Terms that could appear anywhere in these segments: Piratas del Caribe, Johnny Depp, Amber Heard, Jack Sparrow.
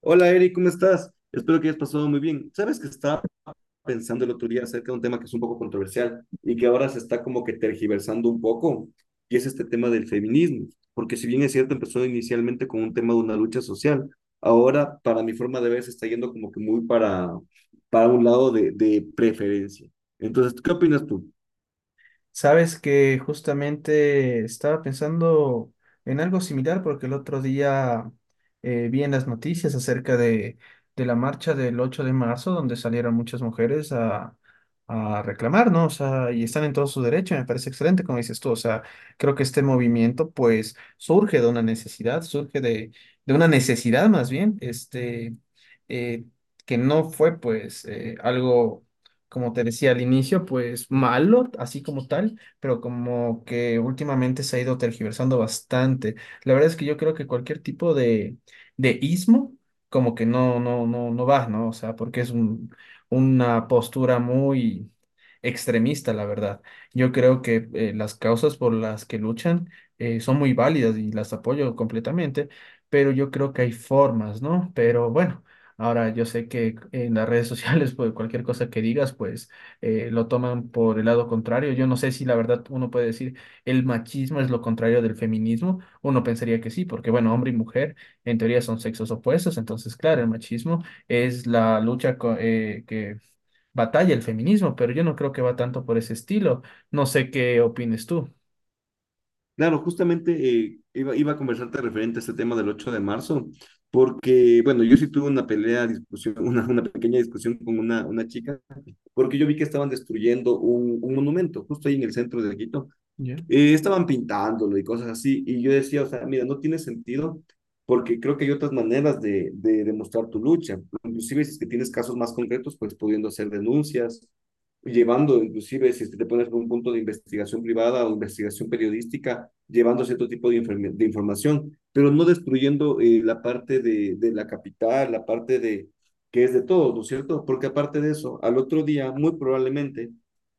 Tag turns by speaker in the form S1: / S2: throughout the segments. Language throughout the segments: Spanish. S1: Hola Eric, ¿cómo estás? Espero que hayas pasado muy bien. Sabes que estaba pensando el otro día acerca de un tema que es un poco controversial y que ahora se está como que tergiversando un poco, y es este tema del feminismo, porque si bien es cierto, empezó inicialmente con un tema de una lucha social, ahora para mi forma de ver se está yendo como que muy para un lado de preferencia. Entonces, ¿qué opinas tú?
S2: Sabes que justamente estaba pensando en algo similar porque el otro día vi en las noticias acerca de la marcha del 8 de marzo donde salieron muchas mujeres a reclamar, ¿no? O sea, y están en todo su derecho, me parece excelente como dices tú, o sea, creo que este movimiento pues surge de una necesidad, surge de una necesidad más bien, eh, que no fue pues algo como te decía al inicio, pues malo, así como tal, pero como que últimamente se ha ido tergiversando bastante. La verdad es que yo creo que cualquier tipo de ismo, como que no va, ¿no? O sea, porque es una postura muy extremista, la verdad. Yo creo que las causas por las que luchan son muy válidas y las apoyo completamente, pero yo creo que hay formas, ¿no? Pero bueno. Ahora, yo sé que en las redes sociales, pues cualquier cosa que digas, pues lo toman por el lado contrario. Yo no sé si la verdad uno puede decir el machismo es lo contrario del feminismo. Uno pensaría que sí, porque bueno, hombre y mujer en teoría son sexos opuestos. Entonces, claro, el machismo es la que batalla el feminismo, pero yo no creo que va tanto por ese estilo. No sé qué opines tú.
S1: Claro, justamente iba a conversarte referente a este tema del 8 de marzo, porque, bueno, yo sí tuve una pelea, discusión, una pequeña discusión con una chica, porque yo vi que estaban destruyendo un monumento justo ahí en el centro de Quito
S2: Ya.
S1: estaban pintándolo y cosas así, y yo decía, o sea, mira, no tiene sentido porque creo que hay otras maneras de demostrar tu lucha, inclusive si es que tienes casos más concretos, pues pudiendo hacer denuncias, llevando, inclusive si es que te pones por un punto de investigación privada o investigación periodística, llevando cierto tipo de información, pero no destruyendo la parte de la capital, la parte de que es de todos, ¿no es cierto? Porque aparte de eso, al otro día, muy probablemente,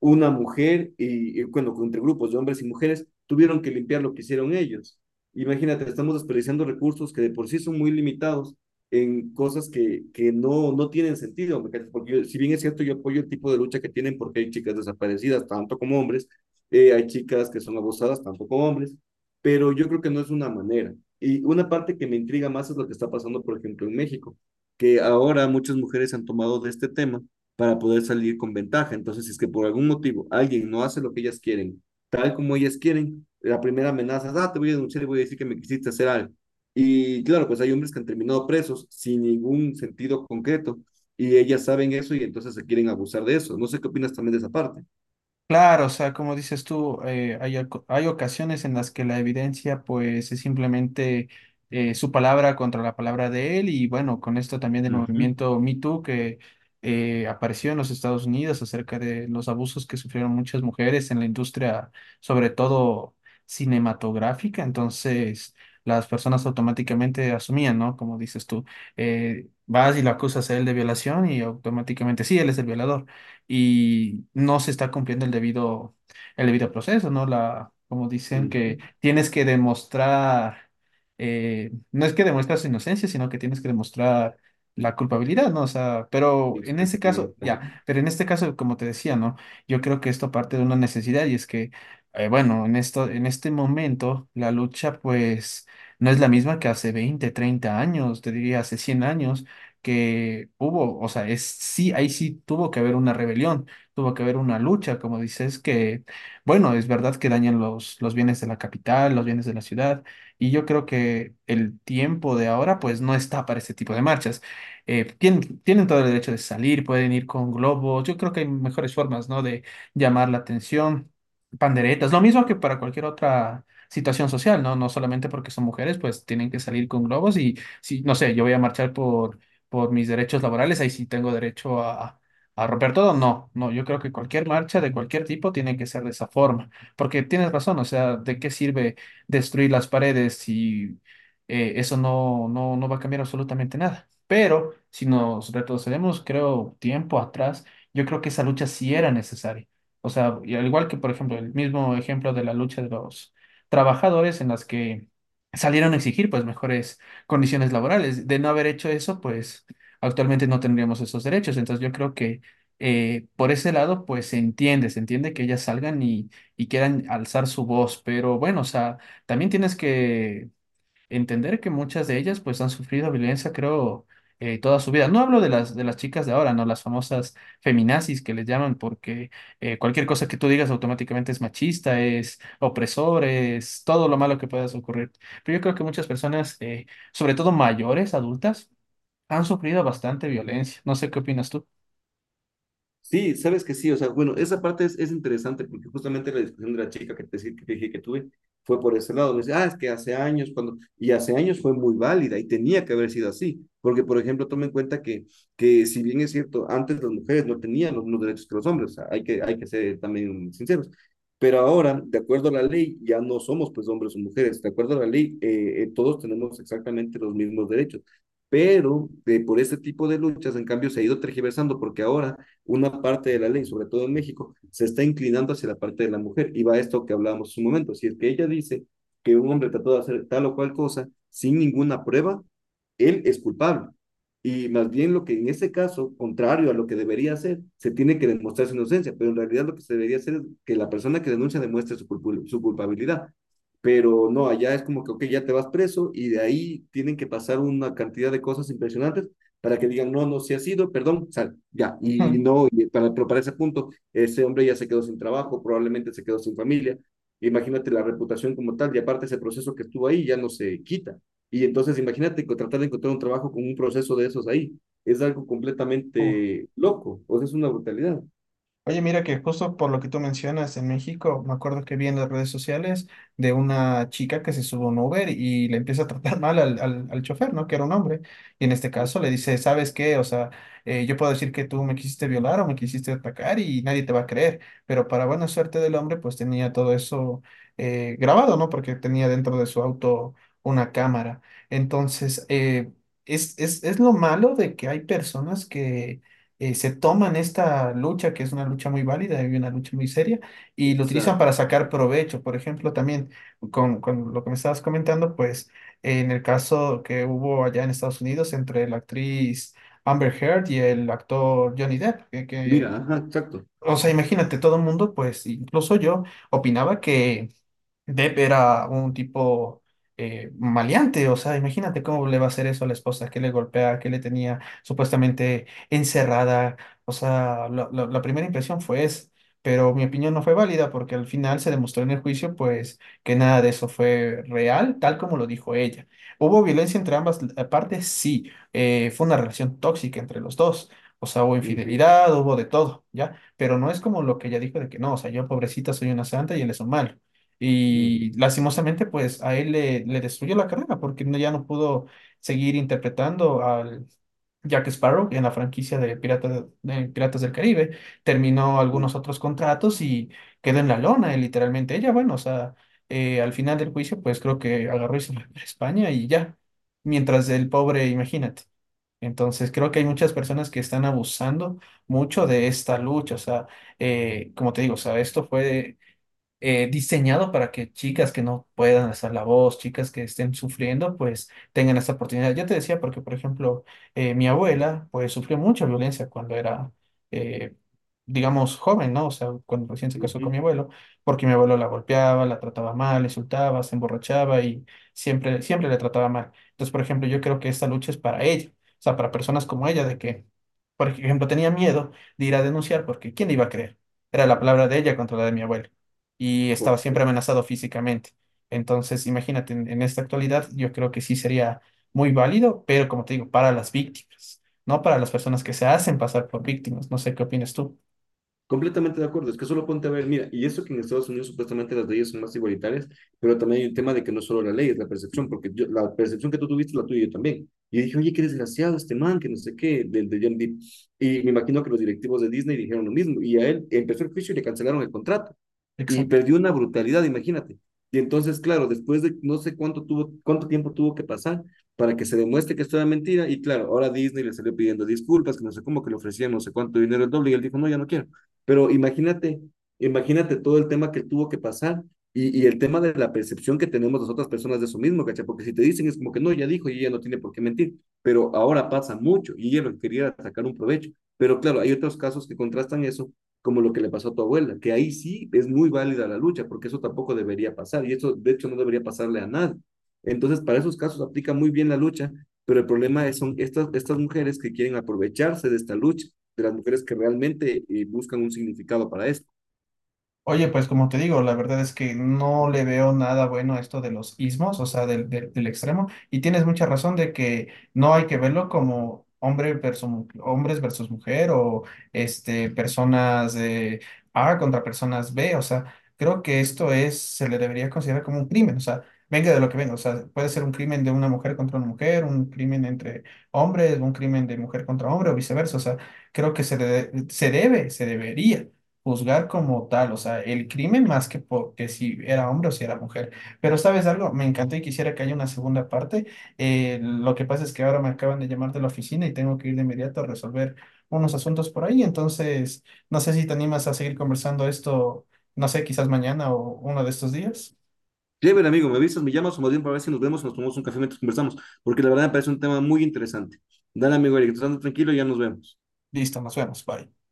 S1: una mujer y, bueno, entre grupos de hombres y mujeres, tuvieron que limpiar lo que hicieron ellos. Imagínate, estamos desperdiciando recursos que de por sí son muy limitados en cosas que no, no tienen sentido, porque yo, si bien es cierto, yo apoyo el tipo de lucha que tienen porque hay chicas desaparecidas, tanto como hombres, hay chicas que son abusadas, tanto como hombres, pero yo creo que no es una manera. Y una parte que me intriga más es lo que está pasando, por ejemplo, en México, que ahora muchas mujeres han tomado de este tema para poder salir con ventaja. Entonces, si es que por algún motivo alguien no hace lo que ellas quieren, tal como ellas quieren, la primera amenaza es, ah, te voy a denunciar y voy a decir que me quisiste hacer algo. Y claro, pues hay hombres que han terminado presos sin ningún sentido concreto y ellas saben eso y entonces se quieren abusar de eso. No sé qué opinas también de esa parte.
S2: Claro, o sea, como dices tú, hay, hay ocasiones en las que la evidencia pues es simplemente su palabra contra la palabra de él y bueno, con esto también del
S1: Ujú.
S2: movimiento Me Too que apareció en los Estados Unidos acerca de los abusos que sufrieron muchas mujeres en la industria, sobre todo cinematográfica. Entonces las personas automáticamente asumían, ¿no? Como dices tú, vas y lo acusas a él de violación y automáticamente sí, él es el violador y no se está cumpliendo el debido proceso, ¿no? La, como dicen que
S1: Ujú.
S2: tienes que demostrar, no es que demuestras inocencia, sino que tienes que demostrar la culpabilidad, ¿no? O sea, pero en ese caso,
S1: Exactamente. Ajá.
S2: ya, pero en este caso, como te decía, ¿no? Yo creo que esto parte de una necesidad y es que, bueno, en esto, en este momento, la lucha, pues, no es la misma que hace 20 30 años, te diría hace 100 años, que hubo, o sea, es sí, ahí sí tuvo que haber una rebelión, tuvo que haber una lucha, como dices, que, bueno, es verdad que dañan los bienes de la capital, los bienes de la ciudad, y yo creo que el tiempo de ahora, pues, no está para este tipo de marchas. Tienen, tienen todo el derecho de salir, pueden ir con globos, yo creo que hay mejores formas, ¿no? De llamar la atención, panderetas, lo mismo que para cualquier otra situación social, ¿no? No solamente porque son mujeres, pues tienen que salir con globos y si, no sé, yo voy a marchar por mis derechos laborales, ahí sí tengo derecho a romper todo. No, no, yo creo que cualquier marcha de cualquier tipo tiene que ser de esa forma, porque tienes razón, o sea, ¿de qué sirve destruir las paredes si eso no va a cambiar absolutamente nada? Pero si nos retrocedemos, creo, tiempo atrás, yo creo que esa lucha sí era necesaria. O sea, y al igual que, por ejemplo, el mismo ejemplo de la lucha de los trabajadores en las que salieron a exigir pues mejores condiciones laborales. De no haber hecho eso, pues actualmente no tendríamos esos derechos. Entonces yo creo que por ese lado, pues se entiende que ellas salgan y quieran alzar su voz, pero bueno, o sea, también tienes que entender que muchas de ellas pues han sufrido violencia, creo, toda su vida. No hablo de las chicas de ahora, ¿no? Las famosas feminazis que les llaman porque cualquier cosa que tú digas automáticamente es machista, es opresor, es todo lo malo que puedas ocurrir. Pero yo creo que muchas personas, sobre todo mayores, adultas, han sufrido bastante violencia. No sé qué opinas tú.
S1: Sí, sabes que sí, o sea, bueno, esa parte es interesante porque justamente la discusión de la chica que te dije que tuve fue por ese lado. Me dice, ah, es que hace años, cuando, y hace años fue muy válida y tenía que haber sido así, porque por ejemplo, tome en cuenta que si bien es cierto, antes las mujeres no tenían los mismos derechos que los hombres, o sea, hay que ser también sinceros, pero ahora, de acuerdo a la ley, ya no somos pues hombres o mujeres, de acuerdo a la ley, todos tenemos exactamente los mismos derechos. Pero por este tipo de luchas, en cambio, se ha ido tergiversando porque ahora una parte de la ley, sobre todo en México, se está inclinando hacia la parte de la mujer. Y va a esto que hablábamos un momento. Si es que ella dice que un hombre trató de hacer tal o cual cosa sin ninguna prueba, él es culpable. Y más bien lo que en ese caso, contrario a lo que debería hacer, se tiene que demostrar su inocencia, pero en realidad lo que se debería hacer es que la persona que denuncia demuestre su, culp su culpabilidad. Pero no, allá es como que, ok, ya te vas preso y de ahí tienen que pasar una cantidad de cosas impresionantes para que digan, no, no, si ha sido, perdón, sal, ya. Y no, y para, pero para ese punto, ese hombre ya se quedó sin trabajo, probablemente se quedó sin familia. Imagínate la reputación como tal, y aparte ese proceso que estuvo ahí ya no se quita. Y entonces imagínate tratar de encontrar un trabajo con un proceso de esos ahí. Es algo
S2: Uf.
S1: completamente loco, o sea, es una brutalidad.
S2: Oye, mira que justo por lo que tú mencionas en México, me acuerdo que vi en las redes sociales de una chica que se sube a un Uber y le empieza a tratar mal al, al, al chofer, ¿no? Que era un hombre. Y en este caso le dice, ¿sabes qué? O sea, yo puedo decir que tú me quisiste violar o me quisiste atacar y nadie te va a creer. Pero para buena suerte del hombre, pues tenía todo eso grabado, ¿no? Porque tenía dentro de su auto una cámara. Entonces, es lo malo de que hay personas que se toman esta lucha, que es una lucha muy válida y una lucha muy seria, y lo utilizan
S1: Exacto.
S2: para sacar provecho. Por ejemplo, también con lo que me estabas comentando, pues en el caso que hubo allá en Estados Unidos entre la actriz Amber Heard y el actor Johnny Depp, que,
S1: Mira, ajá, exacto.
S2: o sea, imagínate, todo el mundo, pues incluso yo, opinaba que... Depp era un tipo maleante, o sea, imagínate cómo le va a hacer eso a la esposa, que le golpea, que le tenía supuestamente encerrada, o sea, la primera impresión fue esa, pero mi opinión no fue válida porque al final se demostró en el juicio, pues, que nada de eso fue real, tal como lo dijo ella. ¿Hubo violencia entre ambas partes? Sí, fue una relación tóxica entre los dos. O sea, hubo
S1: Ujú.
S2: infidelidad, hubo de todo, ¿ya? Pero no es como lo que ella dijo de que no, o sea, yo pobrecita soy una santa y él es un malo. Y lastimosamente, pues a él le, le destruyó la carrera porque ya no pudo seguir interpretando al Jack Sparrow en la franquicia de, de Piratas del Caribe. Terminó
S1: Mm.
S2: algunos otros contratos y quedó en la lona, literalmente. Ella, bueno, o sea, al final del juicio, pues creo que agarró y se fue a España y ya. Mientras el pobre, imagínate. Entonces, creo que hay muchas personas que están abusando mucho de esta lucha. O sea, como te digo, o sea, esto fue diseñado para que chicas que no puedan hacer la voz, chicas que estén sufriendo, pues tengan esta oportunidad. Yo te decía porque, por ejemplo, mi abuela, pues sufrió mucha violencia cuando era, eh, digamos, joven, ¿no? O sea, cuando recién se
S1: Ujú.
S2: casó con mi
S1: Ujú.
S2: abuelo, porque mi abuelo la golpeaba, la trataba mal, le insultaba, se emborrachaba y siempre, siempre le trataba mal. Entonces, por ejemplo, yo creo que esta lucha es para ella, o sea, para personas como ella, de que, por ejemplo, tenía miedo de ir a denunciar porque ¿quién le iba a creer? Era la palabra de ella contra la de mi abuelo y estaba
S1: Por-.
S2: siempre amenazado físicamente. Entonces, imagínate, en esta actualidad yo creo que sí sería muy válido, pero como te digo, para las víctimas, no para las personas que se hacen pasar por víctimas. No sé qué opinas tú.
S1: Completamente de acuerdo, es que solo ponte a ver, mira, y eso que en Estados Unidos supuestamente las leyes son más igualitarias, pero también hay un tema de que no solo la ley, es la percepción, porque yo, la percepción que tú tuviste la tuya y yo también. Y dije, oye, qué desgraciado este man, que no sé qué, del de John Depp. Y me imagino que los directivos de Disney dijeron lo mismo, y a él empezó el juicio y le cancelaron el contrato, y
S2: Exacto.
S1: perdió una brutalidad, imagínate. Y entonces, claro, después de no sé cuánto, tuvo, cuánto tiempo tuvo que pasar para que se demuestre que esto era mentira, y claro, ahora Disney le salió pidiendo disculpas, que no sé cómo, que le ofrecían no sé cuánto dinero el doble, y él dijo, no, ya no quiero. Pero imagínate, imagínate todo el tema que tuvo que pasar y el tema de la percepción que tenemos las otras personas de eso mismo, ¿cachai? Porque si te dicen es como que no, ya dijo y ella no tiene por qué mentir, pero ahora pasa mucho y ella lo quería sacar un provecho. Pero claro, hay otros casos que contrastan eso, como lo que le pasó a tu abuela, que ahí sí es muy válida la lucha, porque eso tampoco debería pasar y eso de hecho no debería pasarle a nadie. Entonces, para esos casos aplica muy bien la lucha, pero el problema es, son estas, estas mujeres que quieren aprovecharse de esta lucha de las mujeres que realmente buscan un significado para esto.
S2: Oye, pues como te digo, la verdad es que no le veo nada bueno a esto de los ismos, o sea, del extremo, y tienes mucha razón de que no hay que verlo como hombre versus, hombres versus mujer o este, personas A contra personas B, o sea, creo que esto es, se le debería considerar como un crimen, o sea, venga de lo que venga, o sea, puede ser un crimen de una mujer contra una mujer, un crimen entre hombres, un crimen de mujer contra hombre o viceversa, o sea, creo que se, se debe, se debería juzgar como tal, o sea, el crimen más que, que si era hombre o si era mujer. Pero ¿sabes algo? Me encantó y quisiera que haya una segunda parte. Lo que pasa es que ahora me acaban de llamar de la oficina y tengo que ir de inmediato a resolver unos asuntos por ahí. Entonces, no sé si te animas a seguir conversando esto, no sé, quizás mañana o uno de estos días.
S1: Clever, amigo, ¿me avisas, me llamas o más bien para ver si nos vemos, nos tomamos un café mientras conversamos? Porque la verdad me parece un tema muy interesante. Dale, amigo Eric, estando tranquilo, ya nos vemos.
S2: Listo, nos vemos. Bye.